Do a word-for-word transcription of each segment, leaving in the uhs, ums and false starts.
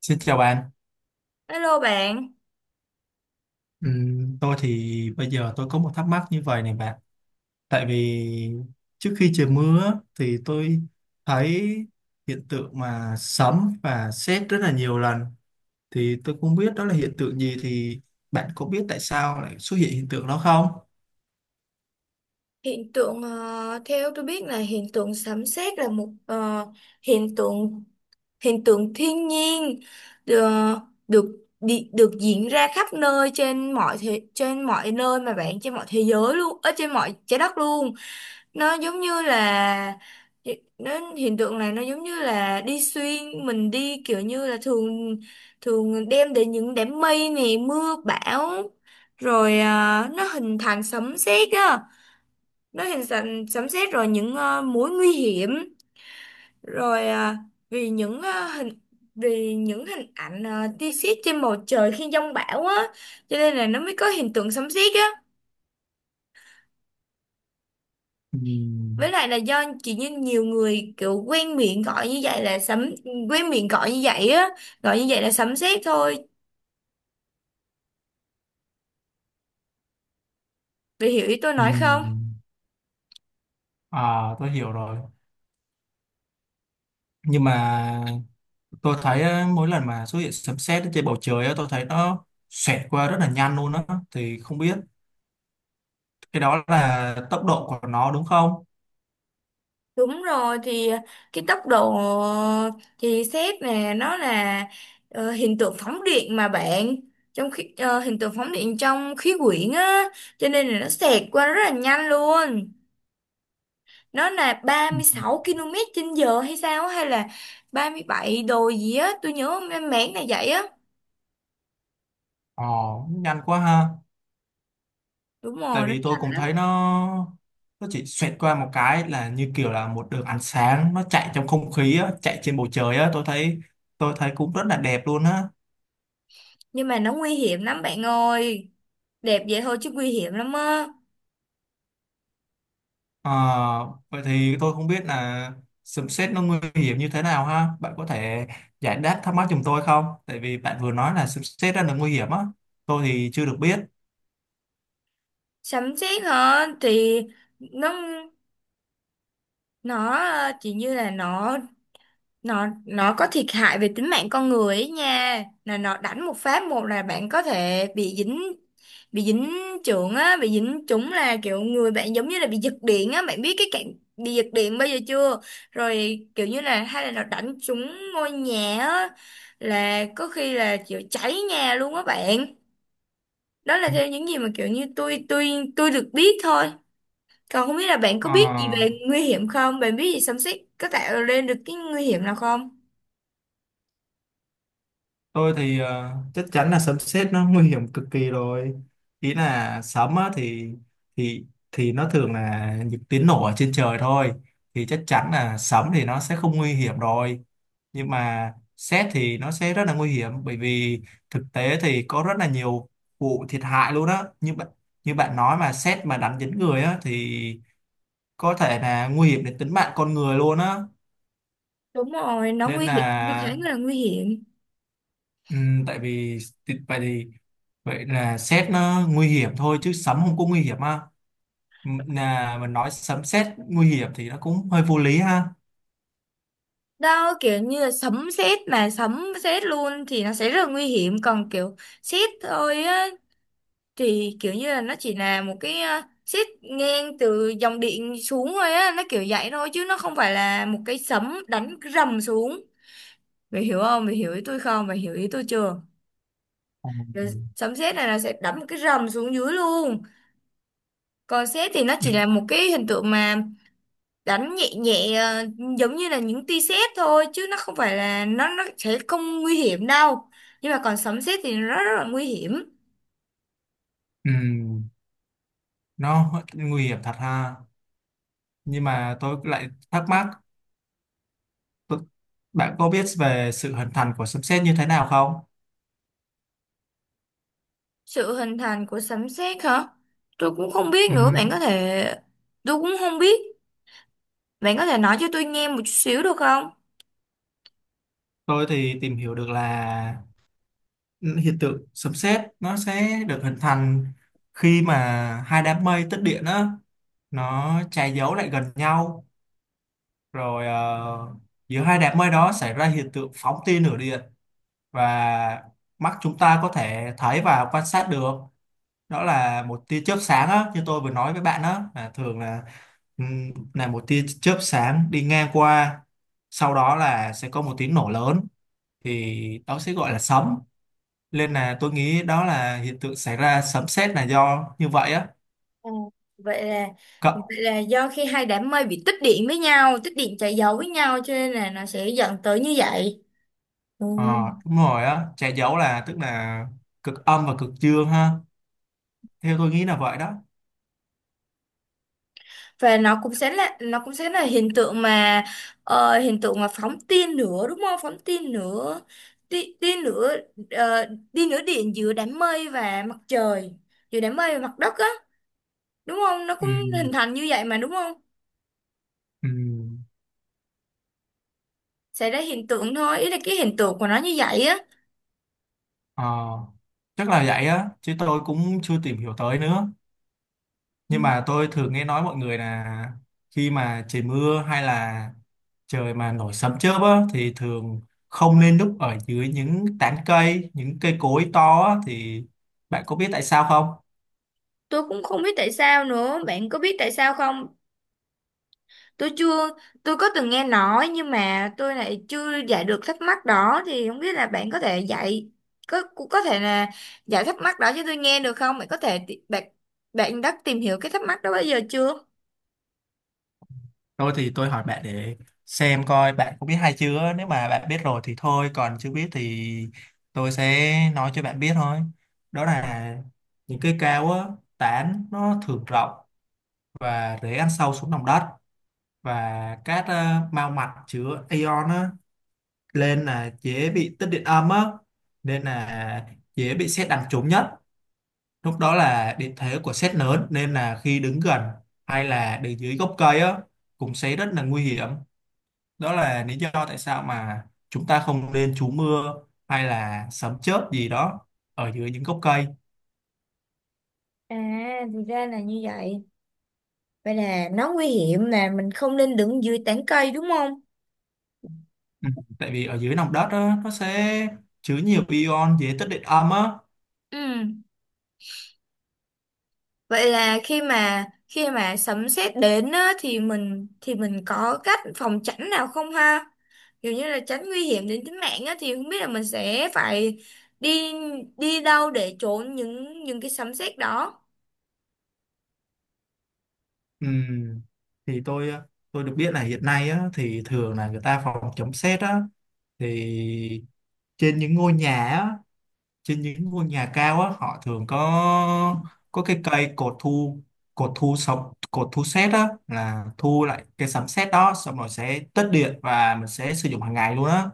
Xin chào bạn. Hello bạn. Ừm, tôi thì bây giờ tôi có một thắc mắc như vậy này bạn. Tại vì trước khi trời mưa á, thì tôi thấy hiện tượng mà sấm và sét rất là nhiều lần. Thì tôi không biết đó là hiện tượng gì, thì bạn có biết tại sao lại xuất hiện hiện tượng đó không? Hiện tượng ờ, theo tôi biết, là hiện tượng sấm sét là một ờ, hiện tượng hiện tượng thiên nhiên được được đi- được diễn ra khắp nơi, trên mọi thế, trên mọi nơi mà bạn, trên mọi thế giới luôn, ở trên mọi trái đất luôn. Nó giống như là, nó hiện tượng này nó giống như là đi xuyên mình, đi kiểu như là thường thường đem đến những đám mây này mưa bão rồi. À, nó hình thành sấm sét á, nó hình thành sấm sét rồi những ờ, mối nguy hiểm, rồi ờ, vì những ờ, hình vì những hình ảnh, uh, tia sét trên bầu trời khi giông bão á, cho nên là nó mới có hiện tượng sấm sét á. Với Ừm. lại là do chỉ như nhiều người kiểu quen miệng gọi như vậy là sấm, quen miệng gọi như vậy á gọi như vậy là sấm sét thôi, vì hiểu ý tôi nói không? Ừm. À, tôi hiểu rồi. Nhưng mà tôi thấy á, mỗi lần mà xuất hiện sấm sét ở trên bầu trời á, tôi thấy nó xẹt qua rất là nhanh luôn á. Thì không biết cái đó là tốc độ của nó đúng không? Đúng rồi, thì cái tốc độ, thì xét nè, nó là ờ, hiện tượng phóng điện mà bạn, trong khi ờ, hiện tượng phóng điện trong khí quyển á, cho nên là nó xẹt qua rất là nhanh luôn. Nó là Ừ. ba mươi sáu ki lô mét trên giờ hay sao á, hay là ba mươi bảy đồ gì á, tôi nhớ mang máng này vậy á. Ồ, nhanh quá ha. Đúng Tại rồi, nó vì tôi nhanh cũng lắm. thấy nó nó chỉ xoẹt qua một cái là như kiểu là một đường ánh sáng nó chạy trong không khí á, chạy trên bầu trời á, tôi thấy tôi thấy cũng rất là đẹp luôn á. Nhưng mà nó nguy hiểm lắm bạn ơi, đẹp vậy thôi chứ nguy hiểm lắm á. Ờ, Vậy thì tôi không biết là sấm sét nó nguy hiểm như thế nào ha. Bạn có thể giải đáp thắc mắc giùm tôi không? Tại vì bạn vừa nói là sấm sét rất là nguy hiểm á. Tôi thì chưa được biết. Sấm sét hả, thì nó, nó ờ, chỉ như là nó, nó nó có thiệt hại về tính mạng con người ấy nha, là nó đánh một phát một là bạn có thể bị dính, bị dính chưởng á, bị dính chúng, là kiểu người bạn giống như là bị giật điện á, bạn biết cái cạnh bị giật điện bây giờ chưa? Rồi kiểu như là, hay là nó đánh trúng ngôi nhà á, là có khi là kiểu cháy nhà luôn á bạn. Đó là theo những gì mà kiểu như tôi tôi tôi được biết thôi. Còn không biết là bạn có Ờ biết gì về nguy hiểm không? Bạn biết gì xâm xích có tạo lên được cái nguy hiểm nào không? tôi thì ờ, chắc chắn là sấm sét nó nguy hiểm cực kỳ rồi. Ý là sấm á, thì thì thì nó thường là những tiếng nổ ở trên trời thôi, thì chắc chắn là sấm thì nó sẽ không nguy hiểm rồi, nhưng mà sét thì nó sẽ rất là nguy hiểm, bởi vì thực tế thì có rất là nhiều vụ thiệt hại luôn á, như bạn, như bạn nói mà sét mà đánh dính người á thì có thể là nguy hiểm đến tính mạng con người luôn á Đúng rồi, nó nên nguy hiểm, nó khá là. là nguy hiểm. Ừ, tại vì thì- vậy thì vậy là sét nó nguy hiểm thôi chứ sấm không có nguy hiểm ha. Ừ, là mình nói sấm sét nguy hiểm thì nó cũng hơi vô lý ha. Đó, kiểu như là sấm sét mà sấm sét luôn thì nó sẽ rất là nguy hiểm. Còn kiểu sét thôi á, thì kiểu như là nó chỉ là một cái ờ, sét ngang từ dòng điện xuống thôi á. Nó kiểu vậy thôi chứ nó không phải là một cái sấm đánh rầm xuống. Mày hiểu không? Mày hiểu ý tôi không? Mày hiểu ý tôi chưa? Rồi, Ừ, sấm sét này nó sẽ đánh một cái rầm xuống dưới luôn, còn sét thì nó ừ, chỉ là một cái hình tượng mà đánh nhẹ nhẹ, ờ, giống như là những tia sét thôi, chứ nó không phải là, nó nó sẽ không nguy hiểm đâu. Nhưng mà còn sấm sét thì nó rất là nguy hiểm. ừ, nó nguy hiểm thật ha. Nhưng mà tôi lại thắc mắc, tôi- bạn có biết về sự hình thành của sấm sét như thế nào không? Sự hình thành của sấm sét hả? Tôi cũng không biết Ừ, nữa, bạn có thể, tôi cũng không biết. Bạn có thể nói cho tôi nghe một chút xíu được không? tôi thì tìm hiểu được là hiện tượng sấm sét nó sẽ được hình thành khi mà hai đám mây tích điện á, nó che giấu lại gần nhau, rồi ờ, giữa hai đám mây đó xảy ra hiện tượng phóng tia lửa điện, và mắt chúng ta có thể thấy và quan sát được. Đó là một tia chớp sáng á, như tôi vừa nói với bạn, đó là thường là ừm, là một tia chớp sáng đi ngang qua, sau đó là sẽ có một tiếng nổ lớn, thì đó sẽ gọi là sấm. Nên là tôi nghĩ đó là hiện tượng xảy ra sấm sét là do như vậy á. À, vậy là, vậy là do khi hai đám mây bị tích điện với nhau, tích điện chạy dầu với nhau, cho nên là nó sẽ dẫn tới như vậy. Ừ. Ờ, Đúng rồi á, che giấu là tức là cực âm và cực dương ha. Theo tôi nghĩ là vậy đó. Và nó cũng sẽ là, nó cũng sẽ là hiện tượng mà, ờ, hiện tượng mà phóng tia nữa đúng không, phóng tia nữa, tia, tia nữa, ờ, tia nữa điện giữa đám mây và mặt trời, giữa đám mây và mặt đất á, đúng không, nó Ừ, cũng hình thành như vậy mà, đúng không, ừ, xảy ra hiện tượng thôi, ý là cái hiện tượng của nó như vậy á. ờ, chắc là vậy á, chứ tôi cũng chưa tìm hiểu tới nữa. Ừ. Nhưng mà tôi thường nghe nói mọi người là khi mà trời mưa hay là trời mà nổi sấm chớp á, thì thường không nên núp ở dưới những tán cây, những cây cối to á, thì bạn có biết tại sao không? Tôi cũng không biết tại sao nữa, bạn có biết tại sao không? Tôi chưa, Tôi có từng nghe nói, nhưng mà tôi lại chưa giải được thắc mắc đó, thì không biết là bạn có thể dạy, có cũng có thể là giải thắc mắc đó cho tôi nghe được không? Bạn có thể ti- bạn, bạn đã tìm hiểu cái thắc mắc đó bao giờ chưa? Thôi thì tôi hỏi bạn để xem coi bạn có biết hay chưa. Nếu mà bạn biết rồi thì thôi, còn chưa biết thì tôi sẽ nói cho bạn biết thôi. Đó là những cây cao á, tán nó thường rộng và rễ ăn sâu xuống lòng đất, và các ờ, mao mạch chứa ion á, lên là dễ bị tích điện âm á, nên là dễ bị sét đánh trúng nhất. Lúc đó là điện thế của sét lớn, nên là khi đứng gần hay là đứng dưới gốc cây á cũng sẽ rất là nguy hiểm. Đó là lý do tại sao mà chúng ta không nên trú mưa hay là sấm chớp gì đó ở dưới những gốc cây. À, thì ra là như vậy. Vậy là nó nguy hiểm, là mình không nên đứng dưới tán cây đúng không? Ừ. Tại vì ở dưới lòng đất á, nó sẽ chứa nhiều ion dễ tích điện âm á. Ừ. Vậy là khi mà, khi mà sấm sét đến á, thì mình, thì mình có cách phòng tránh nào không ha? Kiểu như là tránh nguy hiểm đến tính mạng á, thì không biết là mình sẽ phải đi, đi đâu để trốn những, những cái sấm sét đó. Ừ. Thì tôi tôi được biết là hiện nay á, thì thường là người ta phòng chống sét á, thì trên những ngôi nhà á, trên những ngôi nhà cao á họ thường có có cái cây cột thu, cột thu sóng cột thu sét á là thu lại cái sấm sét đó, xong rồi sẽ tất điện và mình sẽ sử dụng hàng ngày luôn á.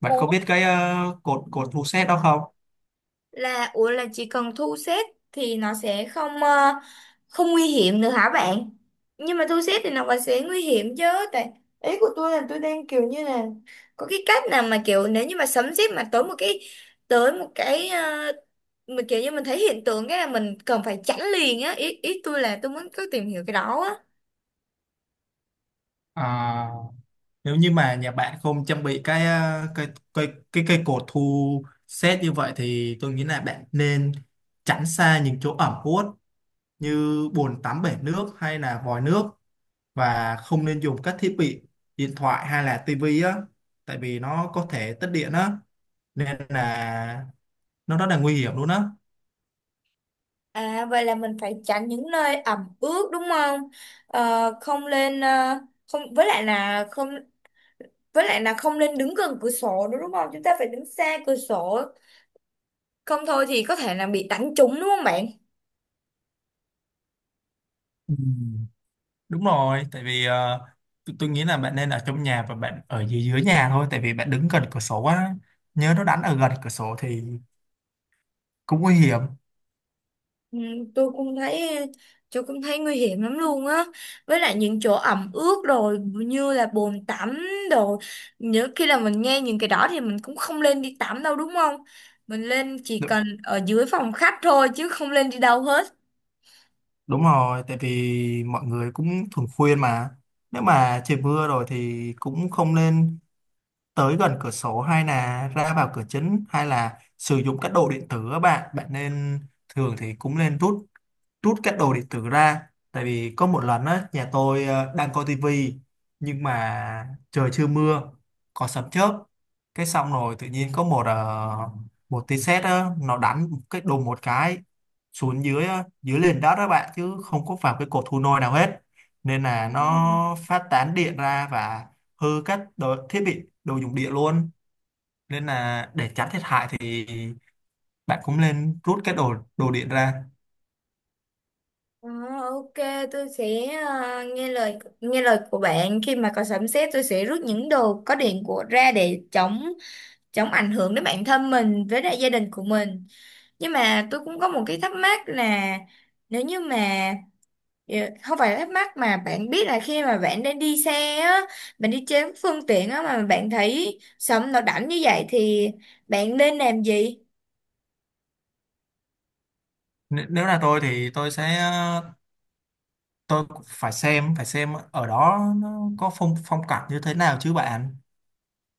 Bạn có Ủa? biết cái ờ, cột cột thu sét đó không? Là ủa là chỉ cần thu xếp thì nó sẽ không, ờ, không nguy hiểm nữa hả bạn? Nhưng mà thu xếp thì nó vẫn sẽ nguy hiểm chứ, tại ý của tôi là tôi đang kiểu như là, có cái cách nào mà kiểu nếu như mà sấm sét mà tới một cái, tới một cái ờ, mà kiểu như mình thấy hiện tượng cái là mình cần phải tránh liền á, ý ý tôi là tôi muốn cứ tìm hiểu cái đó á. À, nếu như mà nhà bạn không trang bị cái ờ, cây cây cái cây cột thu sét như vậy thì tôi nghĩ là bạn nên tránh xa những chỗ ẩm ướt như bồn tắm, bể nước hay là vòi nước, và không nên dùng các thiết bị điện thoại hay là tivi á, tại vì nó có thể tắt điện á nên là nó rất là nguy hiểm luôn á. À, vậy là mình phải tránh những nơi ẩm ướt đúng không? Ờ, không lên, ờ, không với lại là không với lại là không nên đứng gần cửa sổ nữa đúng không? Chúng ta phải đứng xa cửa sổ, không thôi thì có thể là bị đánh trúng đúng không bạn? Ừ, đúng rồi, tại vì ờ, tôi, tôi nghĩ là bạn nên ở trong nhà và bạn ở dưới dưới nhà thôi, tại vì bạn đứng gần cửa sổ á, nhớ nó đánh ở gần cửa sổ thì cũng nguy hiểm. Ừ, tôi cũng thấy tôi cũng thấy nguy hiểm lắm luôn á. Với lại những chỗ ẩm ướt rồi như là bồn tắm đồ. Nhớ khi là mình nghe những cái đó thì mình cũng không lên đi tắm đâu đúng không? Mình lên chỉ Đúng, cần ở dưới phòng khách thôi chứ không lên đi đâu hết. đúng rồi, tại vì mọi người cũng thường khuyên mà nếu mà trời mưa rồi thì cũng không nên tới gần cửa sổ hay là ra vào cửa chính hay là sử dụng các đồ điện tử á, bạn bạn nên, thường thì cũng nên rút rút các đồ điện tử ra. Tại vì có một lần á, nhà tôi ờ, đang coi tivi, nhưng mà trời chưa mưa, có sấm chớp, cái xong rồi tự nhiên có một ờ, một tia sét á, nó đánh cái đùng một cái xuống dưới á, dưới nền đất đó bạn, chứ không có vào cái cột thu nôi nào hết, nên là Ừ. nó phát tán điện ra và hư các đồ, thiết bị đồ dùng điện luôn. Nên là để tránh thiệt hại thì bạn cũng nên rút cái đồ đồ điện ra. Ờ, ok. Tôi sẽ, ờ, nghe lời, nghe lời của bạn. Khi mà có sấm sét tôi sẽ rút những đồ có điện của ra để chống, chống ảnh hưởng đến bản thân mình với lại gia đình của mình. Nhưng mà tôi cũng có một cái thắc mắc là, nếu như mà, ờ, không phải là thắc mắc mà bạn biết, là khi mà bạn đang đi xe á, bạn đi trên phương tiện á mà bạn thấy sấm nó đánh như vậy thì bạn nên làm gì? N- nếu là tôi thì tôi sẽ ờ, tôi cũng phải xem phải xem ở đó nó có phong phong cảnh như thế nào chứ bạn.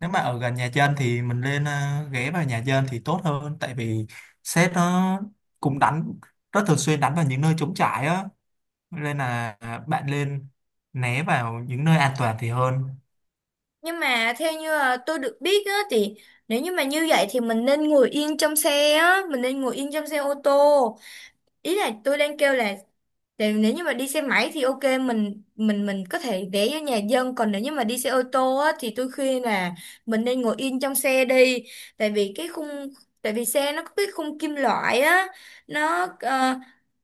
Nếu mà ở gần nhà dân thì mình lên ờ, ghé vào nhà dân thì tốt hơn, tại vì sét nó cũng đánh, rất thường xuyên đánh vào những nơi trống trải á, nên là bạn lên né vào những nơi an toàn thì hơn. Nhưng mà theo như là tôi được biết á, thì nếu như mà như vậy thì mình nên ngồi yên trong xe á, mình nên ngồi yên trong xe ô tô. Ý là tôi đang kêu là, tại nếu như mà đi xe máy thì ok, mình mình mình có thể ghé vô nhà dân, còn nếu như mà đi xe ô tô á thì tôi khuyên là mình nên ngồi yên trong xe đi, tại vì cái khung, tại vì xe nó có cái khung kim loại á, nó ờ,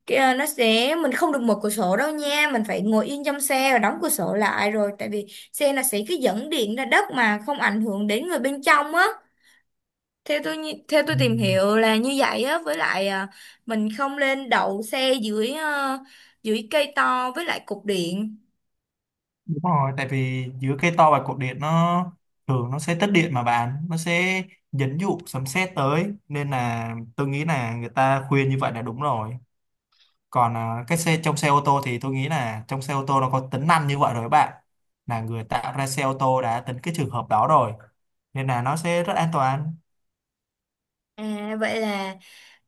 kìa, nó sẽ, mình không được mở cửa sổ đâu nha, mình phải ngồi yên trong xe và đóng cửa sổ lại rồi, tại vì xe là sẽ cứ dẫn điện ra đất mà không ảnh hưởng đến người bên trong á. Theo tôi nhi- theo tôi Ừ. tìm hiểu là như vậy á. Với lại à, mình không lên đậu xe dưới, ờ, dưới cây to với lại cục điện. Đúng rồi, tại vì giữa cây to và cột điện nó thường nó sẽ tích điện mà bạn, nó sẽ dẫn dụ sấm sét tới, nên là tôi nghĩ là người ta khuyên như vậy là đúng rồi. Còn à, cái xe trong xe ô tô thì tôi nghĩ là trong xe ô tô nó có tính năng như vậy rồi các bạn. Là người tạo ra xe ô tô đã tính cái trường hợp đó rồi, nên là nó sẽ rất an toàn. À, vậy là,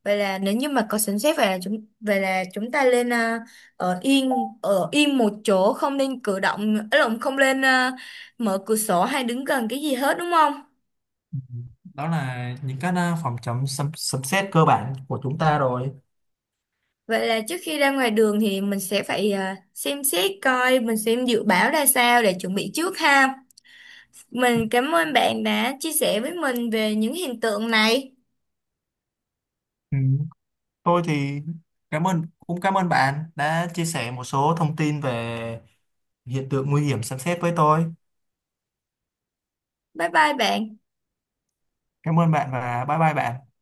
vậy là nếu như mà có sẵn xét, vậy là chúng vậy là chúng ta lên, à, ở yên, ở yên một chỗ, không nên cử động, ấy lộn, không lên, à, mở cửa sổ hay đứng gần cái gì hết đúng không? Đó là những cái à, phòng chống sấm sấm sét cơ bản của chúng ta rồi. Vậy là trước khi ra ngoài đường thì mình sẽ phải, à, xem xét coi, mình xem dự báo ra sao để chuẩn bị trước ha. Mình cảm ơn bạn đã chia sẻ với mình về những hiện tượng này. Ừ. Thôi thì cảm ơn cũng cảm ơn bạn đã chia sẻ một số thông tin về hiện tượng nguy hiểm sấm sét với tôi. Bye bye bạn. Cảm ơn bạn và bye bye bạn.